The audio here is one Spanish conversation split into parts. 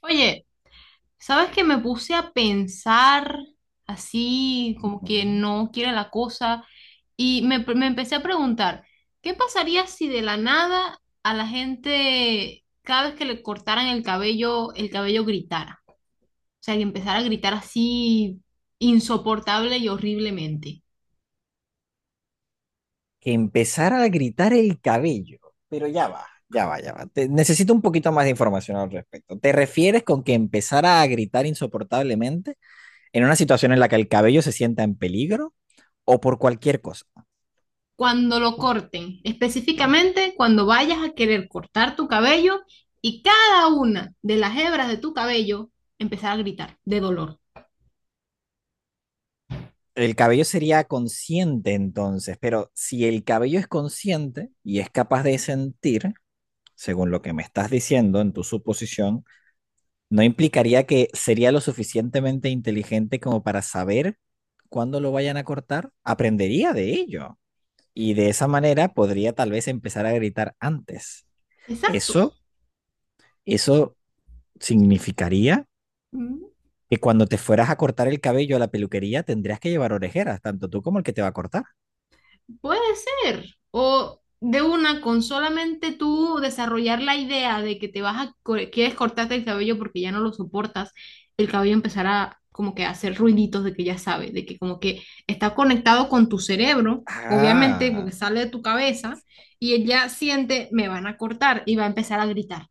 Oye, ¿sabes que me puse a pensar así, como que Ujú. no quiere la cosa? Y me empecé a preguntar, ¿qué pasaría si de la nada a la gente, cada vez que le cortaran el cabello gritara? O sea, que empezara a gritar así insoportable y horriblemente. Que empezara a gritar el cabello. Pero ya va, ya va, ya va. Necesito un poquito más de información al respecto. ¿Te refieres con que empezara a gritar insoportablemente en una situación en la que el cabello se sienta en peligro o por cualquier cosa? Cuando lo corten, específicamente cuando vayas a querer cortar tu cabello y cada una de las hebras de tu cabello empezara a gritar de dolor. El cabello sería consciente entonces, pero si el cabello es consciente y es capaz de sentir, según lo que me estás diciendo en tu suposición, no implicaría que sería lo suficientemente inteligente como para saber cuándo lo vayan a cortar, aprendería de ello y de esa manera podría tal vez empezar a gritar antes. Exacto. Eso, eso significaría mm, que cuando te fueras a cortar el cabello a la peluquería tendrías que llevar orejeras, tanto tú como el que te va a cortar. Puede ser. O de una, con solamente tú desarrollar la idea de que te vas a, quieres cortarte el cabello porque ya no lo soportas, el cabello empezará como que a hacer ruiditos de que ya sabe, de que como que está conectado con tu cerebro, obviamente porque Ah, sale de tu cabeza, y él ya siente, me van a cortar y va a empezar a gritar.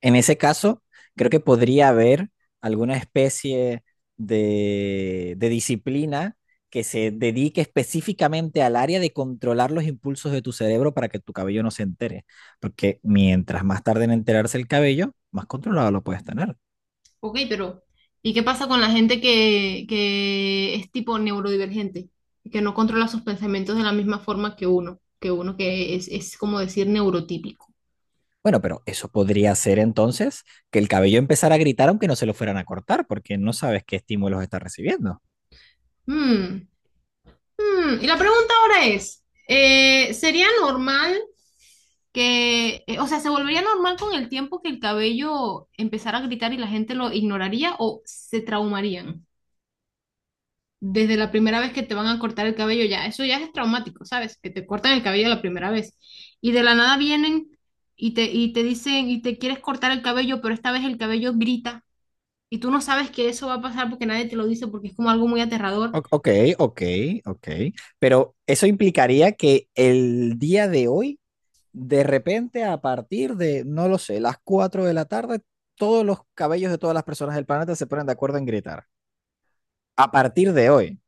en ese caso, creo que podría haber alguna especie de disciplina que se dedique específicamente al área de controlar los impulsos de tu cerebro para que tu cabello no se entere. Porque mientras más tarde en enterarse el cabello, más controlado lo puedes tener. Ok, pero ¿y qué pasa con la gente que es tipo neurodivergente? Que no controla sus pensamientos de la misma forma que uno, que uno que es como decir neurotípico. Bueno, pero eso podría ser entonces que el cabello empezara a gritar aunque no se lo fueran a cortar, porque no sabes qué estímulos está recibiendo. Mm, mm. Y la pregunta ahora es, ¿sería normal que, o sea, se volvería normal con el tiempo que el cabello empezara a gritar y la gente lo ignoraría o se traumarían? Desde la primera vez que te van a cortar el cabello, ya, eso ya es traumático, ¿sabes? Que te cortan el cabello la primera vez. Y de la nada vienen y y te dicen, y te quieres cortar el cabello, pero esta vez el cabello grita. Y tú no sabes que eso va a pasar porque nadie te lo dice, porque es como algo muy aterrador. Ok, ok, ok. Pero eso implicaría que el día de hoy de repente, a partir de, no lo sé, las 4 de la tarde, todos los cabellos de todas las personas del planeta se ponen de acuerdo en gritar. A partir de hoy,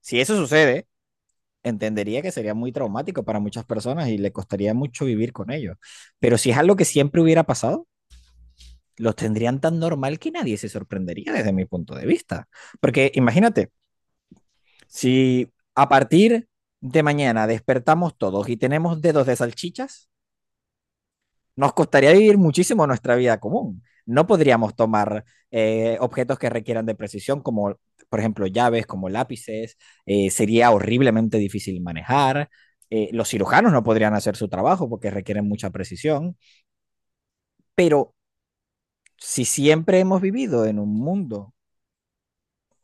si eso sucede, entendería que sería muy traumático para muchas personas y le costaría mucho vivir con ellos. Pero si es algo que siempre hubiera pasado, los tendrían tan normal que nadie se sorprendería desde mi punto de vista. Porque imagínate, si a partir de mañana despertamos todos y tenemos dedos de salchichas, nos costaría vivir muchísimo nuestra vida común. No podríamos tomar, objetos que requieran de precisión, como por ejemplo llaves, como lápices. Sería horriblemente difícil manejar. Los cirujanos no podrían hacer su trabajo porque requieren mucha precisión. Pero si siempre hemos vivido en un mundo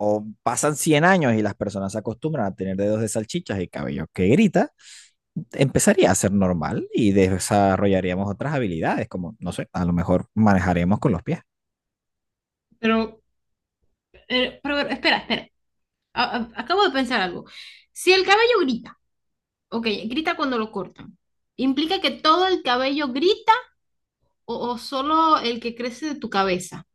o pasan 100 años y las personas se acostumbran a tener dedos de salchichas y cabello que grita, empezaría a ser normal y desarrollaríamos otras habilidades, como, no sé, a lo mejor manejaremos con los pies. Pero, pero espera, espera. Acabo de pensar algo. Si el cabello grita, ok, grita cuando lo cortan, ¿implica que todo el cabello grita o solo el que crece de tu cabeza?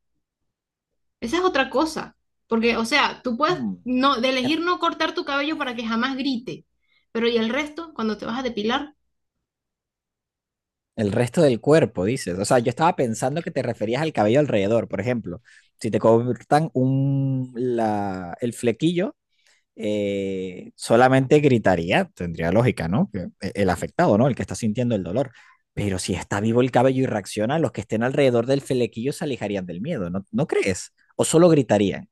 Esa es otra cosa, porque, o sea, tú puedes Mm. no, de elegir no cortar tu cabello para que jamás grite, pero ¿y el resto cuando te vas a depilar? El resto del cuerpo, dices. O sea, yo estaba pensando que te referías al cabello alrededor. Por ejemplo, si te cortan un, la, el flequillo, solamente gritaría, tendría lógica, ¿no? Que el afectado, ¿no? El que está sintiendo el dolor. Pero si está vivo el cabello y reacciona, los que estén alrededor del flequillo se alejarían del miedo, ¿no, no crees? O solo gritarían.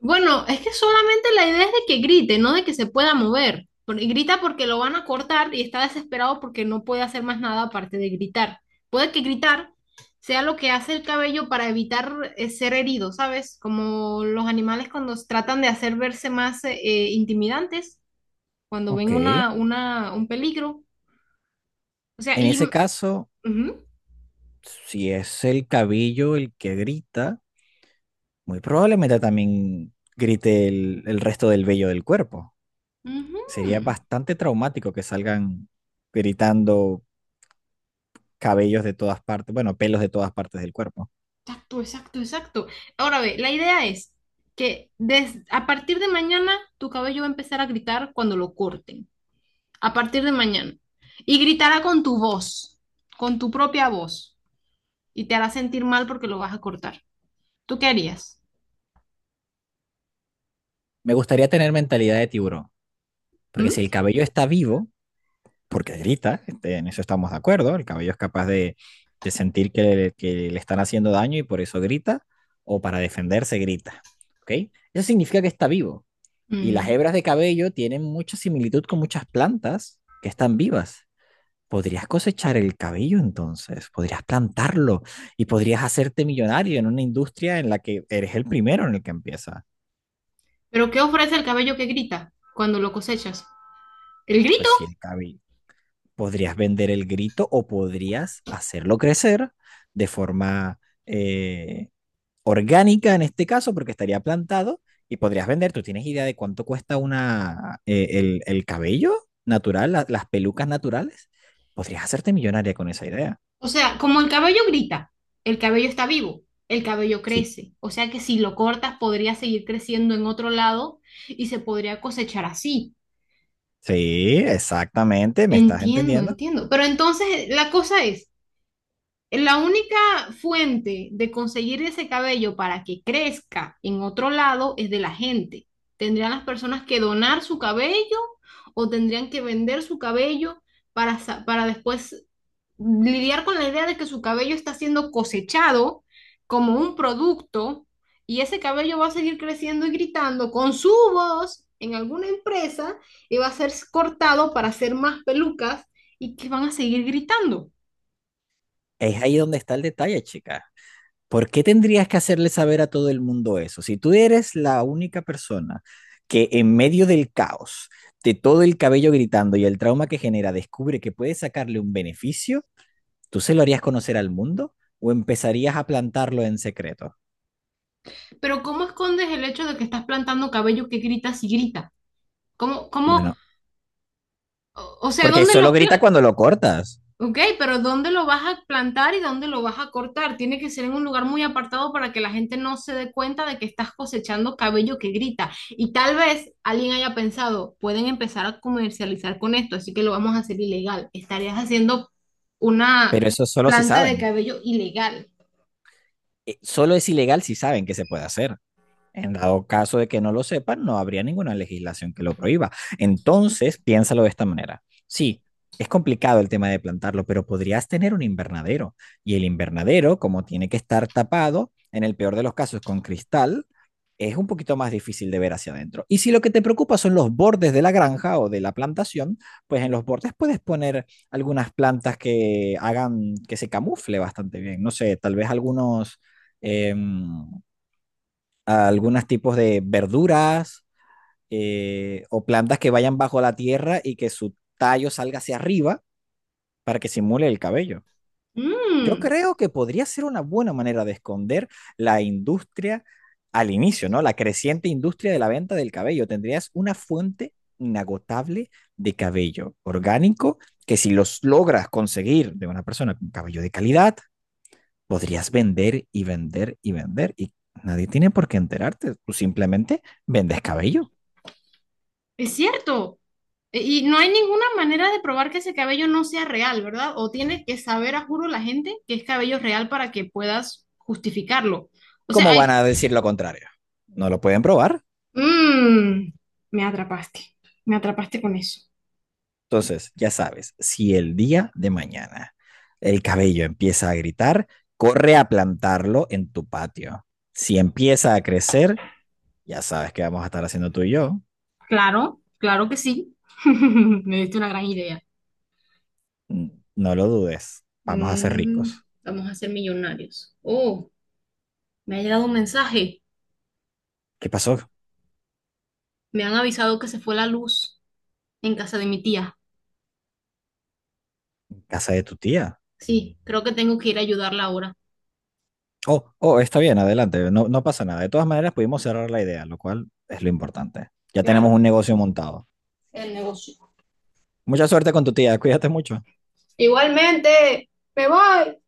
Bueno, es que solamente la idea es de que grite, no de que se pueda mover. Porque grita porque lo van a cortar y está desesperado porque no puede hacer más nada aparte de gritar. Puede que gritar sea lo que hace el cabello para evitar ser herido, ¿sabes? Como los animales cuando tratan de hacer verse más intimidantes, cuando Ok. ven En un peligro. O sea, y... ese caso, ujú. si es el cabello el que grita, muy probablemente también grite el resto del vello del cuerpo. Ujú. Sería bastante traumático que salgan gritando cabellos de todas partes, bueno, pelos de todas partes del cuerpo. Exacto, exacto, exacto. Ahora ve, la idea es que a partir de mañana tu cabello va a empezar a gritar cuando lo corten. A partir de mañana. Y gritará con tu voz, con tu propia voz. Y te hará sentir mal porque lo vas a cortar. ¿Tú qué harías? Me gustaría tener mentalidad de tiburón, porque ¿Mm? si el cabello está vivo, porque grita, este, en eso estamos de acuerdo, el cabello es capaz de sentir que le están haciendo daño y por eso grita, o para defenderse grita, ¿ok? Eso significa que está vivo. Y las Mm. hebras de cabello tienen mucha similitud con muchas plantas que están vivas. Podrías cosechar el cabello entonces, podrías plantarlo y podrías hacerte millonario en una industria en la que eres el primero en el que empieza. ¿Pero qué ofrece el cabello que grita cuando lo cosechas? El Pues grito. sí, el cabello. Podrías vender el grito o podrías hacerlo crecer de forma, eh, orgánica en este caso, porque estaría plantado y podrías vender. ¿Tú tienes idea de cuánto cuesta una, el cabello natural, las pelucas naturales? Podrías hacerte millonaria con esa idea. O sea, como el cabello grita, el cabello está vivo, el cabello Sí. crece. O sea que si lo cortas podría seguir creciendo en otro lado y se podría cosechar así. Sí, exactamente, me estás Entiendo, entendiendo. entiendo. Pero entonces la cosa es, la única fuente de conseguir ese cabello para que crezca en otro lado es de la gente. ¿Tendrían las personas que donar su cabello o tendrían que vender su cabello para, para después lidiar con la idea de que su cabello está siendo cosechado como un producto y ese cabello va a seguir creciendo y gritando con su voz en alguna empresa y va a ser cortado para hacer más pelucas y que van a seguir gritando? Es ahí donde está el detalle, chica. ¿Por qué tendrías que hacerle saber a todo el mundo eso? Si tú eres la única persona que, en medio del caos, de todo el cabello gritando y el trauma que genera, descubre que puede sacarle un beneficio, ¿tú se lo harías conocer al mundo o empezarías a plantarlo en secreto? Pero ¿cómo escondes el hecho de que estás plantando cabello que grita si grita? ¿Cómo, cómo, Bueno, o sea, porque ¿dónde solo lo, grita cuando lo cortas, Ok, pero ¿dónde lo vas a plantar y dónde lo vas a cortar? Tiene que ser en un lugar muy apartado para que la gente no se dé cuenta de que estás cosechando cabello que grita. Y tal vez alguien haya pensado, pueden empezar a comercializar con esto, así que lo vamos a hacer ilegal. Estarías haciendo una pero eso solo si planta de saben. cabello ilegal. Solo es ilegal si saben que se puede hacer. En dado caso de que no lo sepan, no habría ninguna legislación que lo prohíba. Entonces, piénsalo de esta manera. Sí, es complicado el tema de plantarlo, pero podrías tener un invernadero. Y el invernadero, como tiene que estar tapado, en el peor de los casos con cristal, es un poquito más difícil de ver hacia adentro. Y si lo que te preocupa son los bordes de la granja o de la plantación, pues en los bordes puedes poner algunas plantas que hagan que se camufle bastante bien. No sé, tal vez algunos... em, a algunos tipos de verduras, o plantas que vayan bajo la tierra y que su tallo salga hacia arriba para que simule el cabello. Yo Mm, creo que podría ser una buena manera de esconder la industria al inicio, ¿no? La creciente industria de la venta del cabello. Tendrías una fuente inagotable de cabello orgánico que, si los logras conseguir de una persona con cabello de calidad, podrías vender y vender y vender y nadie tiene por qué enterarte. Tú simplemente vendes cabello. es cierto. Y no hay ninguna manera de probar que ese cabello no sea real, ¿verdad? O tiene que saber, a juro, la gente que es cabello real para que puedas justificarlo. O sea, ¿Cómo van hay... a decir lo contrario? No lo pueden probar. Mmm, me atrapaste. Me atrapaste con eso. Entonces, ya sabes, si el día de mañana el cabello empieza a gritar, corre a plantarlo en tu patio. Si empieza a crecer, ya sabes qué vamos a estar haciendo tú y yo. Claro, claro que sí. Me diste una gran idea. Mm, no lo dudes. Vamos a ser Mm, ricos. vamos a ser millonarios. Oh, me ha llegado un mensaje. ¿Qué pasó? Me han avisado que se fue la luz en casa de mi tía. Casa de tu tía. Sí, creo que tengo que ir a ayudarla ahora. Oh, oh, está bien, adelante, no, no pasa nada. De todas maneras, pudimos cerrar la idea, lo cual es lo importante. Ya tenemos Claro, un negocio montado. el negocio. Mucha suerte con tu tía, cuídate mucho. Igualmente, me voy.